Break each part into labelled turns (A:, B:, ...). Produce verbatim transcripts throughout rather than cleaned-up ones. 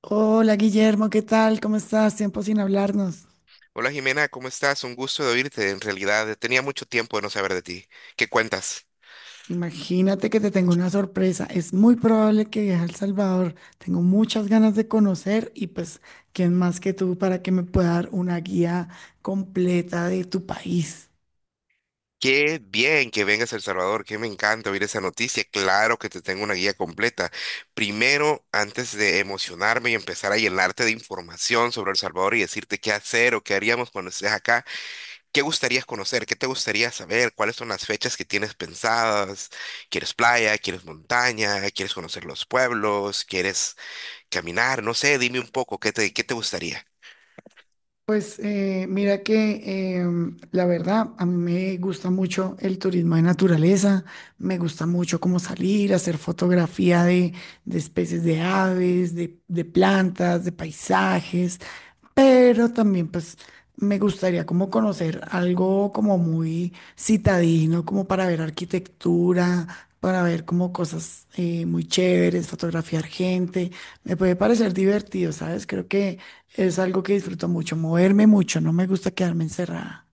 A: Hola Guillermo, ¿qué tal? ¿Cómo estás? Tiempo sin hablarnos.
B: Hola Jimena, ¿cómo estás? Un gusto de oírte. En realidad, eh, tenía mucho tiempo de no saber de ti. ¿Qué cuentas?
A: Imagínate que te tengo una sorpresa. Es muy probable que viaje a El Salvador. Tengo muchas ganas de conocer y pues, ¿quién más que tú para que me pueda dar una guía completa de tu país?
B: Qué bien que vengas a El Salvador, que me encanta oír esa noticia. Claro que te tengo una guía completa. Primero, antes de emocionarme y empezar a llenarte de información sobre El Salvador y decirte qué hacer o qué haríamos cuando estés acá, ¿qué gustarías conocer? ¿Qué te gustaría saber? ¿Cuáles son las fechas que tienes pensadas? ¿Quieres playa? ¿Quieres montaña? ¿Quieres conocer los pueblos? ¿Quieres caminar? No sé, dime un poco, ¿qué te, qué te gustaría?
A: Pues eh, mira que em, la verdad, a mí me gusta mucho el turismo de naturaleza, me gusta mucho como salir, hacer fotografía de, de especies de aves, de, de plantas, de paisajes, pero también pues me gustaría como conocer algo como muy citadino, como para ver arquitectura, para ver como cosas eh, muy chéveres, fotografiar gente, me puede parecer divertido, ¿sabes? Creo que... Es algo que disfruto mucho, moverme mucho, no me gusta quedarme encerrada.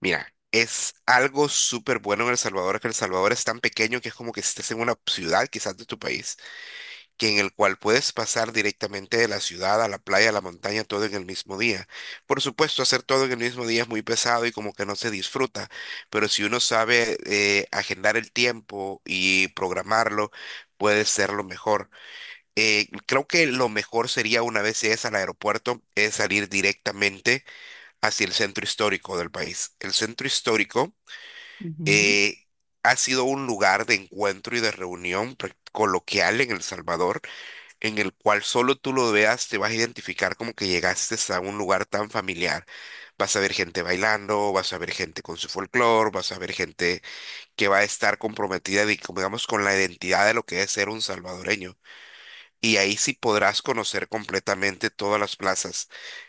B: Mira, es algo súper bueno en El Salvador, que El Salvador es tan pequeño que es como que estés en una ciudad quizás de tu país, que en el cual puedes pasar directamente de la ciudad a la playa, a la montaña, todo en el mismo día. Por supuesto, hacer todo en el mismo día es muy pesado y como que no se disfruta, pero si uno sabe eh, agendar el tiempo y programarlo, puede ser lo mejor. Eh, creo que lo mejor sería una vez es al aeropuerto, es salir directamente hacia el centro histórico del país. El centro histórico
A: Ujú,
B: eh, ha sido un lugar de encuentro y de reunión prac- coloquial en El Salvador, en el cual solo tú lo veas, te vas a identificar como que llegaste a un lugar tan familiar. Vas a ver gente bailando, vas a ver gente con su folclore, vas a ver gente que va a estar comprometida, de- como digamos, con la identidad de lo que es ser un salvadoreño y ahí sí podrás conocer completamente todas las plazas.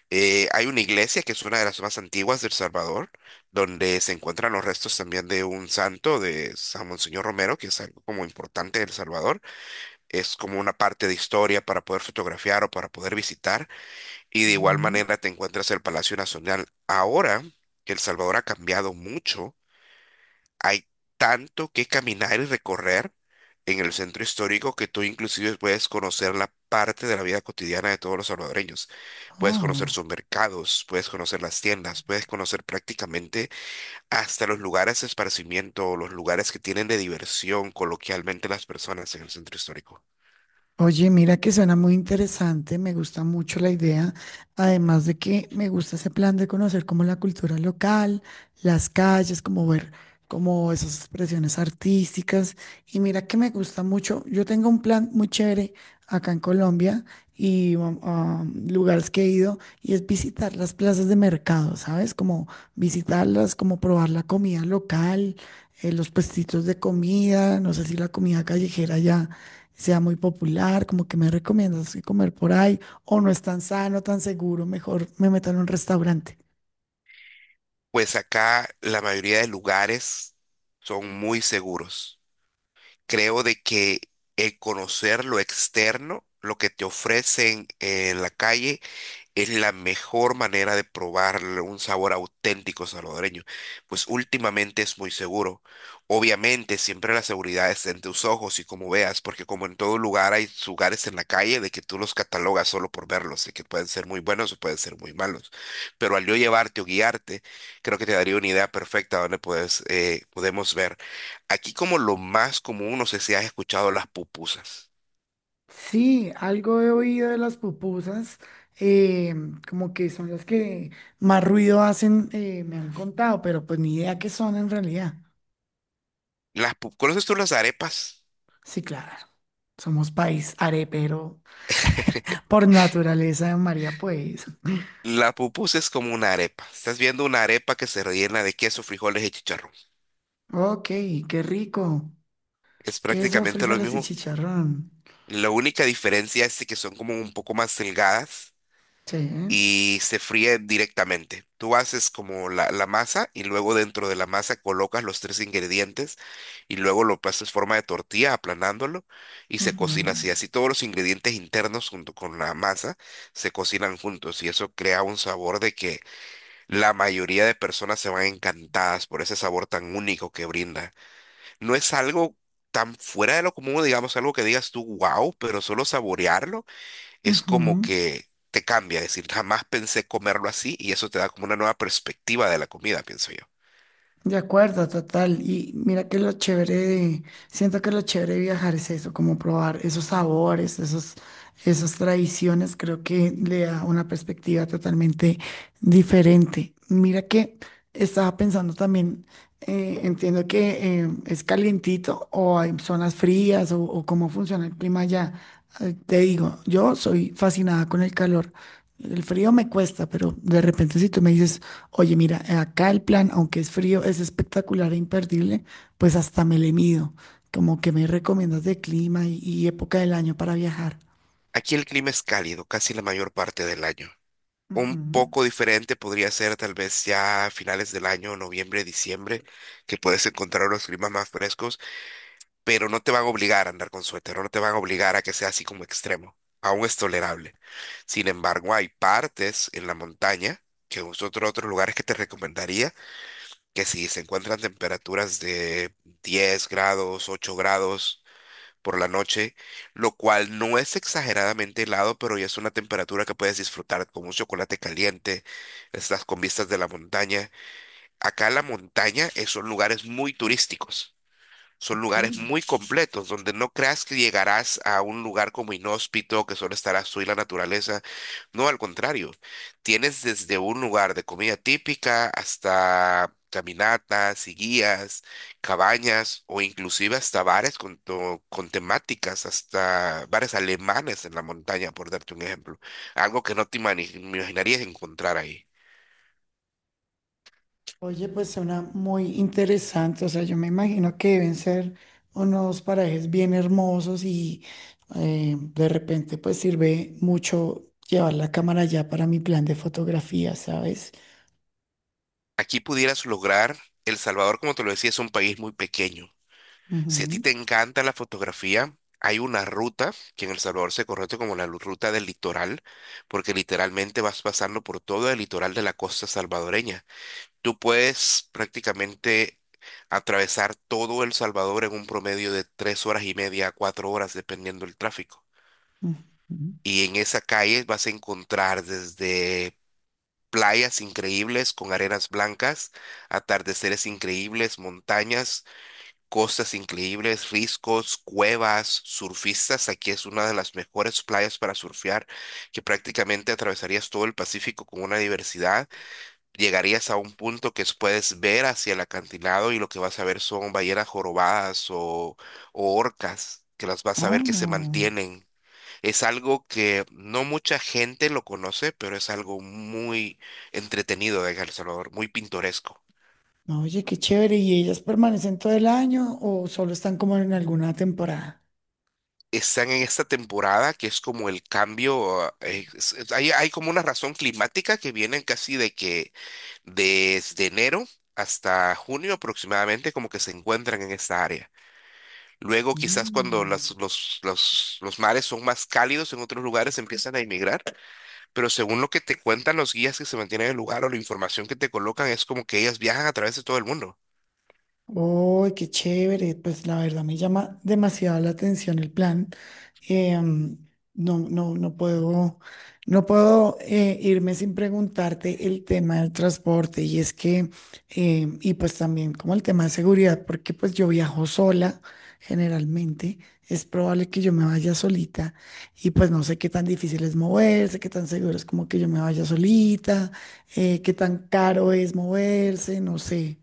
B: Eh, hay una iglesia que es una de las más antiguas de El Salvador, donde se encuentran los restos también de un santo de San Monseñor Romero, que es algo como importante de El Salvador. Es como una parte de historia para poder fotografiar o para poder visitar. Y de igual
A: ujú.
B: manera te encuentras el Palacio Nacional. Ahora que El Salvador ha cambiado mucho, hay tanto que caminar y recorrer en el centro histórico que tú inclusive puedes conocer la parte de la vida cotidiana de todos los salvadoreños. Puedes conocer
A: Oh.
B: sus mercados, puedes conocer las tiendas, puedes conocer prácticamente hasta los lugares de esparcimiento o los lugares que tienen de diversión coloquialmente las personas en el centro histórico.
A: Oye, mira que suena muy interesante, me gusta mucho la idea, además de que me gusta ese plan de conocer como la cultura local, las calles, como ver como esas expresiones artísticas. Y mira que me gusta mucho, yo tengo un plan muy chévere acá en Colombia y um, a lugares que he ido y es visitar las plazas de mercado, ¿sabes? Como visitarlas, como probar la comida local, eh, los puestitos de comida, no sé si la comida callejera ya sea muy popular, como que me recomiendas que comer por ahí, o no es tan sano, tan seguro, mejor me meto en un restaurante.
B: Pues acá la mayoría de lugares son muy seguros. Creo de que el conocer lo externo, lo que te ofrecen en la calle, es la mejor manera de probar un sabor auténtico salvadoreño, pues últimamente es muy seguro. Obviamente, siempre la seguridad está en tus ojos y como veas, porque como en todo lugar hay lugares en la calle de que tú los catalogas solo por verlos, de que pueden ser muy buenos o pueden ser muy malos. Pero al yo llevarte o guiarte, creo que te daría una idea perfecta donde puedes, eh, podemos ver. Aquí como lo más común, no sé si has escuchado las pupusas.
A: Sí, algo he oído de las pupusas, eh, como que son las que más ruido hacen, eh, me han contado, pero pues ni idea qué son en realidad.
B: Las pu- ¿Conoces tú las arepas?
A: Sí, claro, somos país arepero por naturaleza, María, pues.
B: La pupusa es como una arepa. Estás viendo una arepa que se rellena de queso, frijoles y chicharrón.
A: Ok, qué rico.
B: Es
A: Queso,
B: prácticamente lo
A: frijoles y
B: mismo.
A: chicharrón.
B: La única diferencia es de que son como un poco más delgadas
A: Sí.
B: y se fríen directamente. Tú haces como la, la masa y luego dentro de la masa colocas los tres ingredientes y luego lo pasas forma de tortilla aplanándolo y se
A: Ujú.
B: cocina así. Así todos los ingredientes internos junto con la masa se cocinan juntos y eso crea un sabor de que la mayoría de personas se van encantadas por ese sabor tan único que brinda. No es algo tan fuera de lo común, digamos, algo que digas tú, wow, pero solo saborearlo es como
A: Ujú.
B: que te cambia. Es decir, jamás pensé comerlo así y eso te da como una nueva perspectiva de la comida, pienso yo.
A: De acuerdo, total. Y mira que lo chévere de- siento que lo chévere de viajar es eso, como probar esos sabores, esos, esas tradiciones, creo que le da una perspectiva totalmente diferente. Mira que estaba pensando también, eh, entiendo que eh, es calientito o hay zonas frías o, o cómo funciona el clima allá. Eh, te digo, yo soy fascinada con el calor. El frío me cuesta, pero de repente si tú me dices, oye, mira, acá el plan, aunque es frío, es espectacular e imperdible, pues hasta me le mido. Como que me recomiendas de clima y, y época del año para viajar.
B: Aquí el clima es cálido casi la mayor parte del año.
A: Ujú.
B: Un poco diferente podría ser tal vez ya a finales del año, noviembre, diciembre, que puedes encontrar los climas más frescos, pero no te van a obligar a andar con suéter, o no te van a obligar a que sea así como extremo. Aún es tolerable. Sin embargo, hay partes en la montaña, que es otro, otros lugares que te recomendaría, que si se encuentran temperaturas de diez grados, ocho grados por la noche, lo cual no es exageradamente helado, pero ya es una temperatura que puedes disfrutar con un chocolate caliente, estás con vistas de la montaña. Acá la montaña eh, son lugares muy turísticos. Son
A: Ok.
B: lugares muy completos, donde no creas que llegarás a un lugar como inhóspito, que solo estarás tú y la naturaleza. No, al contrario, tienes desde un lugar de comida típica hasta caminatas y guías, cabañas o inclusive hasta bares con, to- con temáticas, hasta bares alemanes en la montaña, por darte un ejemplo. Algo que no te imani- me imaginarías encontrar ahí.
A: Oye, pues suena muy interesante. O sea, yo me imagino que deben ser unos parajes bien hermosos y eh, de repente pues sirve mucho llevar la cámara ya para mi plan de fotografía, ¿sabes?
B: Aquí pudieras lograr, El Salvador, como te lo decía, es un país muy pequeño. Si a ti te encanta la fotografía, hay una ruta que en El Salvador se conoce como la lu- ruta del litoral, porque literalmente vas pasando por todo el litoral de la costa salvadoreña. Tú puedes prácticamente atravesar todo El Salvador en un promedio de tres horas y media a cuatro horas, dependiendo del tráfico.
A: Ujú, ujú.
B: Y en esa calle vas a encontrar desde playas increíbles con arenas blancas, atardeceres increíbles, montañas, costas increíbles, riscos, cuevas, surfistas. Aquí es una de las mejores playas para surfear, que prácticamente atravesarías todo el Pacífico con una diversidad. Llegarías a un punto que es- puedes ver hacia el acantilado y lo que vas a ver son ballenas jorobadas o, o orcas, que las vas a ver que se
A: Oh.
B: mantienen. Es algo que no mucha gente lo conoce, pero es algo muy entretenido de El Salvador, muy pintoresco.
A: No, oye, qué chévere. ¿Y ellas permanecen todo el año o solo están como en alguna temporada?
B: Están en esta temporada que es como el cambio, eh, es- es- hay, hay como una razón climática que vienen casi de que desde enero hasta junio aproximadamente como que se encuentran en esta área. Luego quizás cuando las-
A: Mm.
B: los, los, los mares son más cálidos en otros lugares empiezan a emigrar, pero según lo que te cuentan los guías que se mantienen en el lugar o la información que te colocan es como que ellas viajan a través de todo el mundo.
A: Uy, qué chévere. Pues la verdad me llama demasiado la atención el plan. em, no, no, no puedo, no puedo eh, irme sin preguntarte el tema del transporte y es que, em, y pues también como el tema de seguridad, porque pues yo viajo sola generalmente, es probable que yo me vaya solita y pues no sé qué tan difícil es moverse, qué tan seguro es como que yo me vaya solita, eh, qué tan caro es moverse, no sé.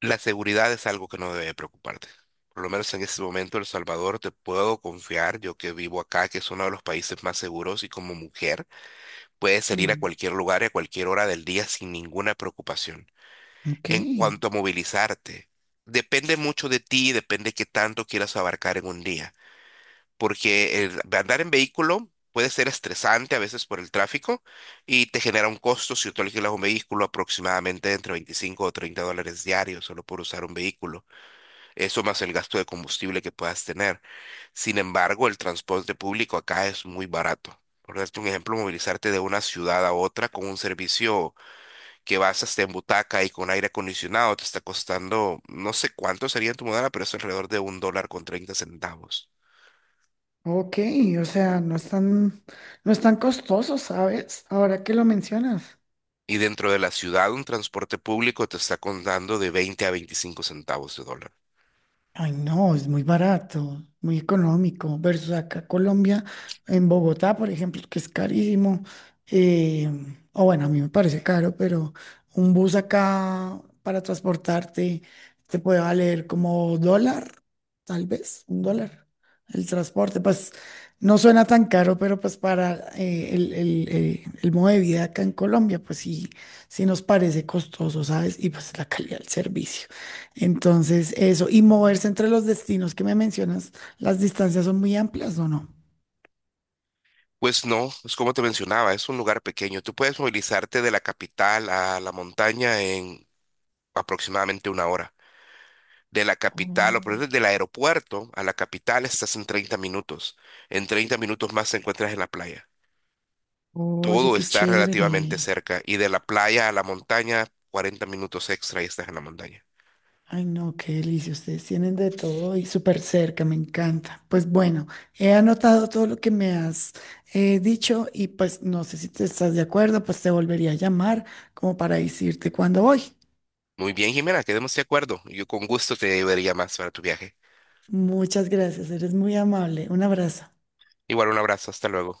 B: La seguridad es algo que no debe preocuparte. Por lo menos en este momento, El Salvador, te puedo confiar, yo que vivo acá, que es uno de los países más seguros y como mujer puedes salir a
A: Mm,
B: cualquier lugar y a cualquier hora del día sin ninguna preocupación.
A: ok.
B: En cuanto a movilizarte, depende mucho de ti, depende qué tanto quieras abarcar en un día, porque el andar en vehículo puede ser estresante a veces por el tráfico y te genera un costo si tú alquilas un vehículo aproximadamente entre veinticinco o treinta dólares diarios solo por usar un vehículo. Eso más el gasto de combustible que puedas tener. Sin embargo, el transporte público acá es muy barato. Por darte un ejemplo, movilizarte de una ciudad a otra con un servicio que vas hasta en butaca y con aire acondicionado te está costando, no sé cuánto sería en tu moneda, pero es alrededor de un dólar con treinta centavos.
A: Ok, o sea, no están, no están costosos, ¿sabes? Ahora que lo mencionas.
B: Y dentro de la ciudad, un transporte público te está contando de veinte a veinticinco centavos de dólar.
A: Ay, no, es muy barato, muy económico, versus acá Colombia, en Bogotá, por ejemplo, que es carísimo. eh, o bueno, a mí me parece caro, pero un bus acá para transportarte te puede valer como dólar, tal vez, un dólar. El transporte, pues no suena tan caro, pero pues para eh, el, el- el- el modo de vida acá en Colombia, pues sí, sí nos parece costoso, ¿sabes? Y pues la calidad del servicio. Entonces, eso, y moverse entre los destinos que me mencionas, las distancias son muy amplias, ¿o no?
B: Pues no, es como te mencionaba, es un lugar pequeño. Tú puedes movilizarte de la capital a la montaña en aproximadamente una hora. De la capital, o
A: Oh,
B: por ejemplo, del aeropuerto a la capital estás en treinta minutos. En treinta minutos más te encuentras en la playa.
A: oye,
B: Todo
A: qué
B: está relativamente
A: chévere.
B: cerca. Y de la playa a la montaña, cuarenta minutos extra y estás en la montaña.
A: Ay, no, qué delicia. Ustedes tienen de todo y súper cerca, me encanta. Pues bueno, he anotado todo lo que me has eh, dicho y pues no sé si te estás de acuerdo, pues te volvería a llamar como para decirte cuándo voy.
B: Muy bien, Jimena, quedemos de acuerdo. Yo con gusto te llevaría más para tu viaje.
A: Muchas gracias, eres muy amable. Un abrazo.
B: Igual un abrazo, hasta luego.